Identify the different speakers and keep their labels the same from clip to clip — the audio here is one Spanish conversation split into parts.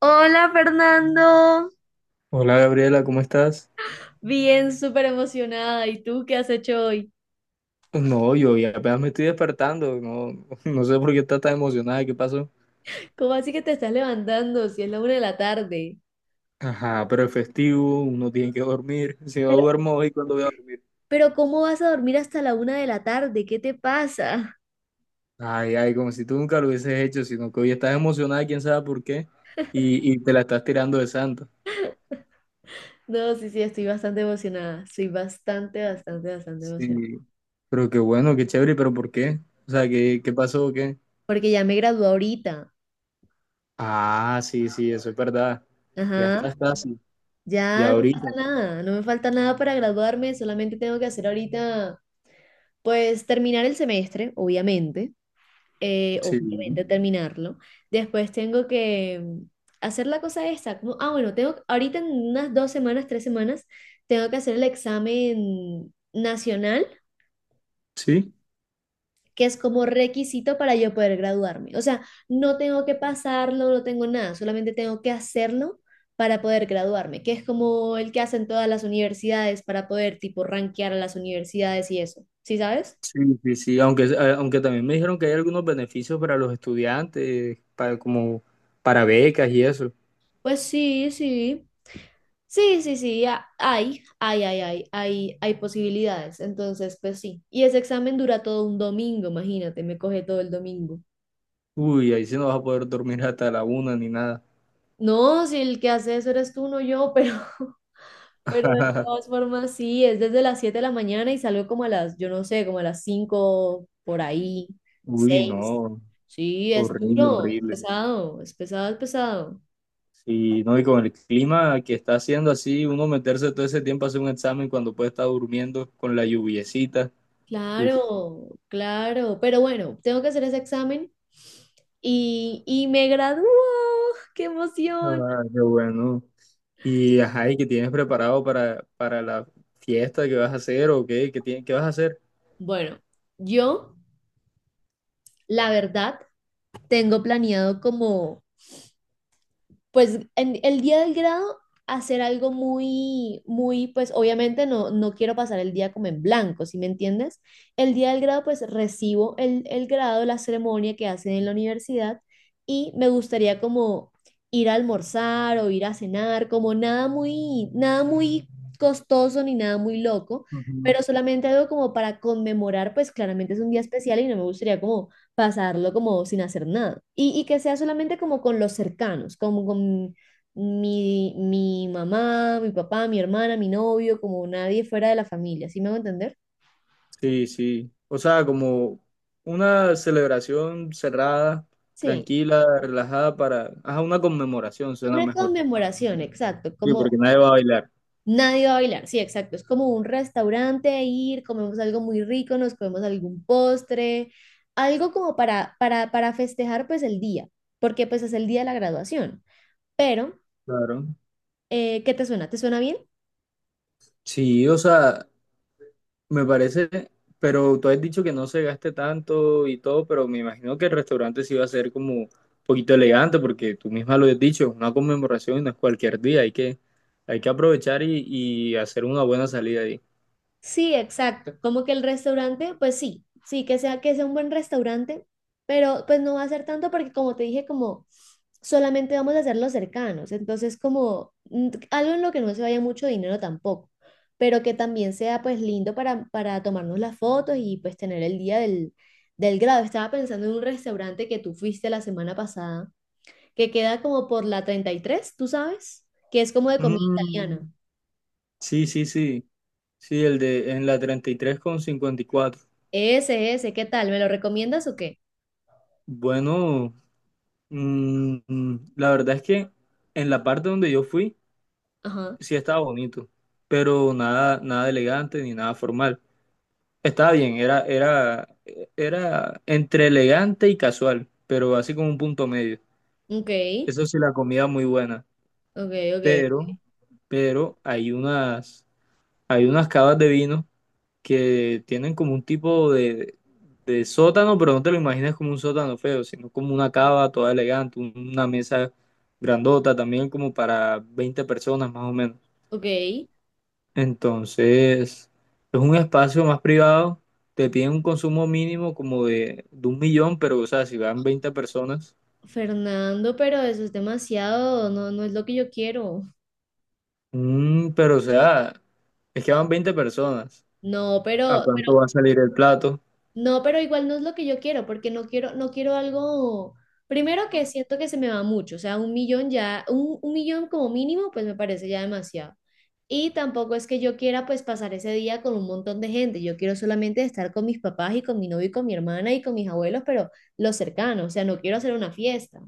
Speaker 1: Hola Fernando.
Speaker 2: Hola Gabriela, ¿cómo estás?
Speaker 1: Bien, súper emocionada. ¿Y tú qué has hecho hoy?
Speaker 2: No, yo ya apenas me estoy despertando, no, no sé por qué estás tan emocionada, ¿qué pasó?
Speaker 1: ¿Cómo así que te estás levantando si es la una de la tarde?
Speaker 2: Ajá, pero es festivo, uno tiene que dormir, si no
Speaker 1: Pero,
Speaker 2: duermo hoy, ¿cuándo voy a dormir?
Speaker 1: pero ¿cómo vas a dormir hasta la una de la tarde? ¿Qué te pasa?
Speaker 2: Ay, ay, como si tú nunca lo hubieses hecho, sino que hoy estás emocionada, quién sabe por qué, y te la estás tirando de santo.
Speaker 1: No, sí, sí, estoy bastante emocionada. Estoy bastante, bastante, bastante
Speaker 2: Sí,
Speaker 1: emocionada.
Speaker 2: pero qué bueno, qué chévere, pero ¿por qué? O sea, ¿qué pasó o qué?
Speaker 1: Porque ya me gradué ahorita.
Speaker 2: Ah, sí, sí, eso es verdad, ya
Speaker 1: Ajá.
Speaker 2: estás casi,
Speaker 1: Ya
Speaker 2: ya
Speaker 1: no pasa
Speaker 2: ahorita,
Speaker 1: nada. No me falta nada para graduarme. Solamente tengo que hacer ahorita, pues terminar el semestre, obviamente.
Speaker 2: sí,
Speaker 1: Obviamente terminarlo. Después tengo que hacer la cosa esta, como, ah, bueno, tengo, ahorita en unas 2 semanas, 3 semanas, tengo que hacer el examen nacional,
Speaker 2: sí.
Speaker 1: que es como requisito para yo poder graduarme. O sea, no tengo que pasarlo, no tengo nada, solamente tengo que hacerlo para poder graduarme, que es como el que hacen todas las universidades para poder tipo rankear a las universidades y eso. ¿Sí sabes?
Speaker 2: Sí, sí, sí, aunque, aunque también me dijeron que hay algunos beneficios para los estudiantes, para, como para becas y eso.
Speaker 1: Pues sí, sí. Sí, sí, sí, hay posibilidades. Entonces, pues sí. Y ese examen dura todo un domingo, imagínate, me coge todo el domingo.
Speaker 2: Uy, ahí sí no vas a poder dormir hasta la una ni nada.
Speaker 1: No, si el que hace eso eres tú, no yo, pero, pero de todas formas sí, es desde las 7 de la mañana y salgo como a las, yo no sé, como a las 5 por ahí,
Speaker 2: Uy,
Speaker 1: 6.
Speaker 2: no,
Speaker 1: Sí, es
Speaker 2: horrible,
Speaker 1: duro,
Speaker 2: horrible.
Speaker 1: es pesado, es pesado, es pesado.
Speaker 2: Sí, no, y con el clima que está haciendo así, uno meterse todo ese tiempo a hacer un examen cuando puede estar durmiendo con la lluviecita. Uf,
Speaker 1: Claro, claro, pero bueno, tengo que hacer ese examen y me gradúo. ¡Qué emoción!
Speaker 2: ah, qué bueno. Y ajá, ¿y qué tienes preparado para la fiesta que vas a hacer o qué? ¿Qué, qué vas a hacer?
Speaker 1: Bueno, yo, la verdad, tengo planeado como pues en el día del grado hacer algo muy, muy, pues obviamente no, no quiero pasar el día como en blanco, ¿sí me entiendes? El día del grado, pues recibo el grado, la ceremonia que hacen en la universidad y me gustaría como ir a almorzar o ir a cenar, como nada muy, nada muy costoso ni nada muy loco, pero solamente algo como para conmemorar, pues claramente es un día especial y no me gustaría como pasarlo como sin hacer nada. Y que sea solamente como con los cercanos, como con mi mamá, mi papá, mi hermana, mi novio, como nadie fuera de la familia, ¿sí me hago entender?
Speaker 2: Sí, sí. O sea, como una celebración cerrada,
Speaker 1: Sí,
Speaker 2: tranquila, relajada para... Ajá, una conmemoración suena
Speaker 1: una
Speaker 2: mejor.
Speaker 1: conmemoración, exacto,
Speaker 2: Sí, porque
Speaker 1: como
Speaker 2: nadie va a bailar.
Speaker 1: nadie va a bailar, sí, exacto, es como un restaurante, ir, comemos algo muy rico, nos comemos algún postre, algo como para festejar pues el día, porque pues es el día de la graduación, pero,
Speaker 2: Claro.
Speaker 1: ¿qué te suena? ¿Te suena bien?
Speaker 2: Sí, o sea, me parece, pero tú has dicho que no se gaste tanto y todo, pero me imagino que el restaurante sí va a ser como un poquito elegante, porque tú misma lo has dicho, es una conmemoración y no es cualquier día, hay que aprovechar y hacer una buena salida ahí.
Speaker 1: Sí, exacto. Como que el restaurante, pues sí, sí, que sea un buen restaurante, pero pues no va a ser tanto porque como te dije, como solamente vamos a hacer los cercanos. Entonces, como algo en lo que no se vaya mucho dinero tampoco, pero que también sea pues lindo para tomarnos las fotos y pues tener el día del grado. Estaba pensando en un restaurante que tú fuiste la semana pasada, que queda como por la 33, ¿tú sabes? Que es como de comida
Speaker 2: Mm,
Speaker 1: italiana.
Speaker 2: sí, sí, sí. Sí, el de en la 33 con 54.
Speaker 1: Ese, ¿qué tal? ¿Me lo recomiendas o qué?
Speaker 2: Bueno, la verdad es que en la parte donde yo fui
Speaker 1: Ajá.
Speaker 2: sí estaba bonito, pero nada, nada elegante ni nada formal. Estaba bien, era entre elegante y casual, pero así como un punto medio.
Speaker 1: Ok,
Speaker 2: Eso sí, la comida muy buena,
Speaker 1: ok, ok,
Speaker 2: pero, pero hay unas, hay unas cavas de vino que tienen como un tipo de sótano, pero no te lo imaginas como un sótano feo, sino como una cava toda elegante, una mesa grandota también como para 20 personas más o menos.
Speaker 1: ok.
Speaker 2: Entonces, es un espacio más privado, te piden un consumo mínimo como de 1.000.000, pero o sea, si van 20 personas,
Speaker 1: Fernando, pero eso es demasiado, no, no es lo que yo quiero.
Speaker 2: mm, pero o sea, es que van 20 personas,
Speaker 1: No,
Speaker 2: ¿a
Speaker 1: pero,
Speaker 2: cuánto va a salir el plato?
Speaker 1: no, pero igual no es lo que yo quiero, porque no quiero, no quiero algo. Primero que siento que se me va mucho, o sea, un millón ya, un millón como mínimo, pues me parece ya demasiado. Y tampoco es que yo quiera pues pasar ese día con un montón de gente, yo quiero solamente estar con mis papás y con mi novio y con mi hermana y con mis abuelos, pero los cercanos, o sea, no quiero hacer una fiesta.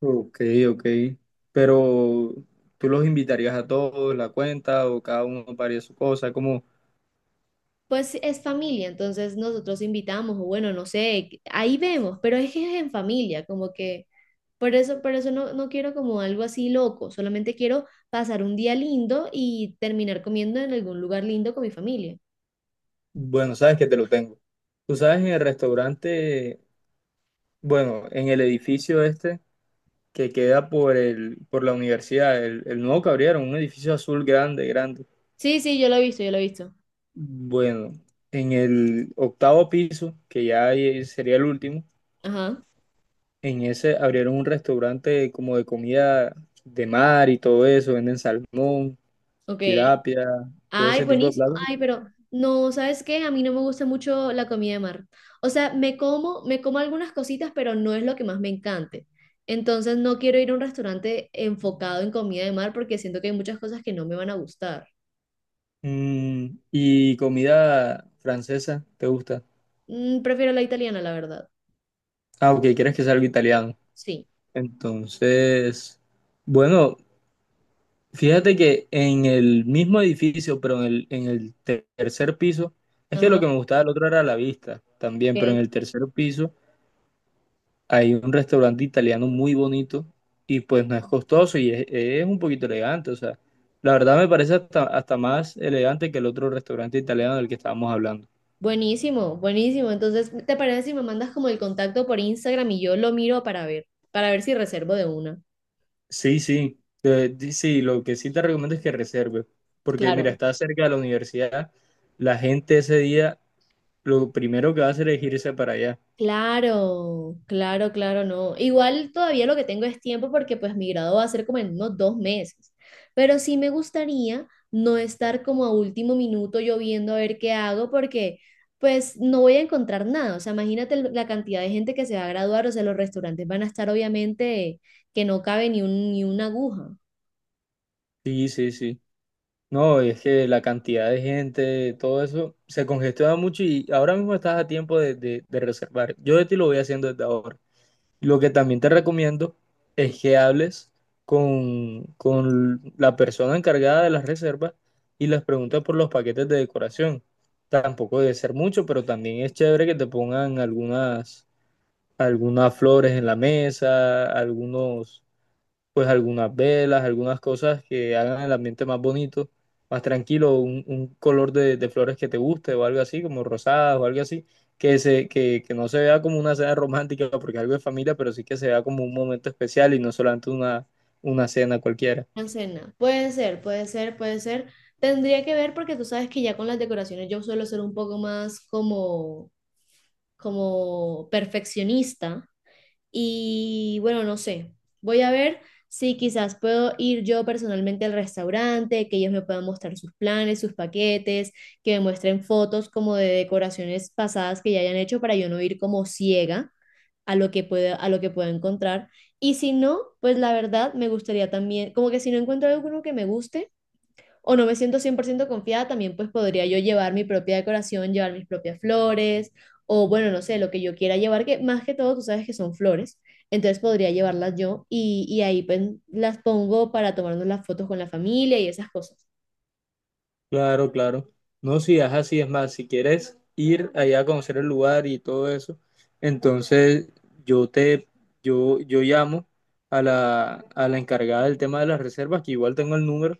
Speaker 2: Ok, ok. Pero tú los invitarías a todos, la cuenta, o cada uno paría su cosa, como,
Speaker 1: Pues es familia, entonces nosotros invitamos, o bueno, no sé, ahí vemos, pero es que es en familia, como que por eso no, no quiero como algo así loco, solamente quiero pasar un día lindo y terminar comiendo en algún lugar lindo con mi familia.
Speaker 2: bueno, sabes que te lo tengo. Tú sabes, en el restaurante, bueno, en el edificio este que queda por el, por la universidad, el nuevo que abrieron, un edificio azul grande, grande.
Speaker 1: Sí, sí, yo lo he visto, yo lo he visto.
Speaker 2: Bueno, en el 8.º piso, que ya ahí sería el último,
Speaker 1: Ajá,
Speaker 2: en ese abrieron un restaurante como de comida de mar y todo eso, venden salmón.
Speaker 1: ok.
Speaker 2: Tilapia, todo
Speaker 1: Ay,
Speaker 2: ese tipo de
Speaker 1: buenísimo.
Speaker 2: platos.
Speaker 1: Ay, pero no, ¿sabes qué? A mí no me gusta mucho la comida de mar. O sea, me como algunas cositas, pero no es lo que más me encante. Entonces no quiero ir a un restaurante enfocado en comida de mar porque siento que hay muchas cosas que no me van a gustar.
Speaker 2: Mm, y comida francesa, ¿te gusta?
Speaker 1: Prefiero la italiana, la verdad.
Speaker 2: Ah, ok, quieres que sea algo italiano.
Speaker 1: Sí.
Speaker 2: Entonces, bueno, fíjate que en el mismo edificio, pero en el, 3.er piso, es que
Speaker 1: Ajá,
Speaker 2: lo que me gustaba del otro era la vista también, pero en
Speaker 1: ok.
Speaker 2: el 3.er piso hay un restaurante italiano muy bonito y pues no es costoso y es un poquito elegante, o sea, la verdad me parece hasta, hasta más elegante que el otro restaurante italiano del que estábamos hablando.
Speaker 1: Buenísimo, buenísimo. Entonces, ¿te parece si me mandas como el contacto por Instagram y yo lo miro para ver si reservo de una?
Speaker 2: Sí, sí, sí, lo que sí te recomiendo es que reserves, porque mira,
Speaker 1: Claro.
Speaker 2: está cerca de la universidad, la gente ese día lo primero que va a hacer es irse para allá.
Speaker 1: Claro, claro, claro, no. Igual todavía lo que tengo es tiempo porque pues mi grado va a ser como en unos 2 meses. Pero sí me gustaría no estar como a último minuto yo viendo a ver qué hago porque pues no voy a encontrar nada. O sea, imagínate la cantidad de gente que se va a graduar. O sea, los restaurantes van a estar obviamente que no cabe ni un, ni una aguja.
Speaker 2: Sí, sí, sí. No, es que la cantidad de gente, todo eso, se congestiona mucho y ahora mismo estás a tiempo de, de reservar. Yo de ti lo voy haciendo desde ahora. Lo que también te recomiendo es que hables con la persona encargada de las reservas y les preguntes por los paquetes de decoración. Tampoco debe ser mucho, pero también es chévere que te pongan algunas, algunas flores en la mesa, algunos pues algunas velas, algunas cosas que hagan el ambiente más bonito, más tranquilo, un color de flores que te guste o algo así, como rosadas o algo así, que no se vea como una cena romántica porque algo de familia, pero sí que se vea como un momento especial y no solamente una cena cualquiera.
Speaker 1: Una cena. Puede ser, puede ser, puede ser. Tendría que ver porque tú sabes que ya con las decoraciones yo suelo ser un poco más como perfeccionista y bueno, no sé, voy a ver si quizás puedo ir yo personalmente al restaurante, que ellos me puedan mostrar sus planes, sus paquetes, que me muestren fotos como de decoraciones pasadas que ya hayan hecho para yo no ir como ciega a lo que pueda, a lo que pueda encontrar. Y si no, pues la verdad me gustaría también, como que si no encuentro alguno que me guste, o no me siento 100% confiada, también pues podría yo llevar mi propia decoración, llevar mis propias flores, o bueno, no sé, lo que yo quiera llevar, que más que todo tú sabes que son flores, entonces podría llevarlas yo y ahí pues, las pongo para tomarnos las fotos con la familia y esas cosas.
Speaker 2: Claro, claro. No, si es así, es más, si quieres ir allá a conocer el lugar y todo eso, entonces yo te, yo llamo a la encargada del tema de las reservas, que igual tengo el número,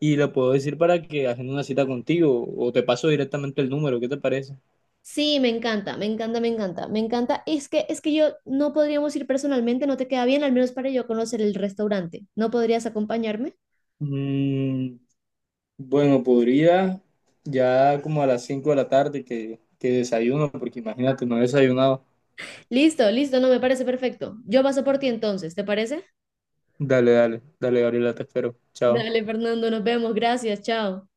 Speaker 2: y le puedo decir para que hagan una cita contigo, o te paso directamente el número, ¿qué te parece?
Speaker 1: Sí, me encanta, me encanta, me encanta, me encanta. Es que yo no podríamos ir personalmente, no te queda bien, al menos para yo conocer el restaurante. ¿No podrías acompañarme?
Speaker 2: Mm, bueno, podría ya como a las 5 de la tarde que desayuno, porque imagínate, no he desayunado.
Speaker 1: Listo, listo, no me parece perfecto. Yo paso por ti entonces, ¿te parece?
Speaker 2: Dale, dale, dale, Gabriela, te espero. Chao.
Speaker 1: Dale, Fernando, nos vemos, gracias, chao.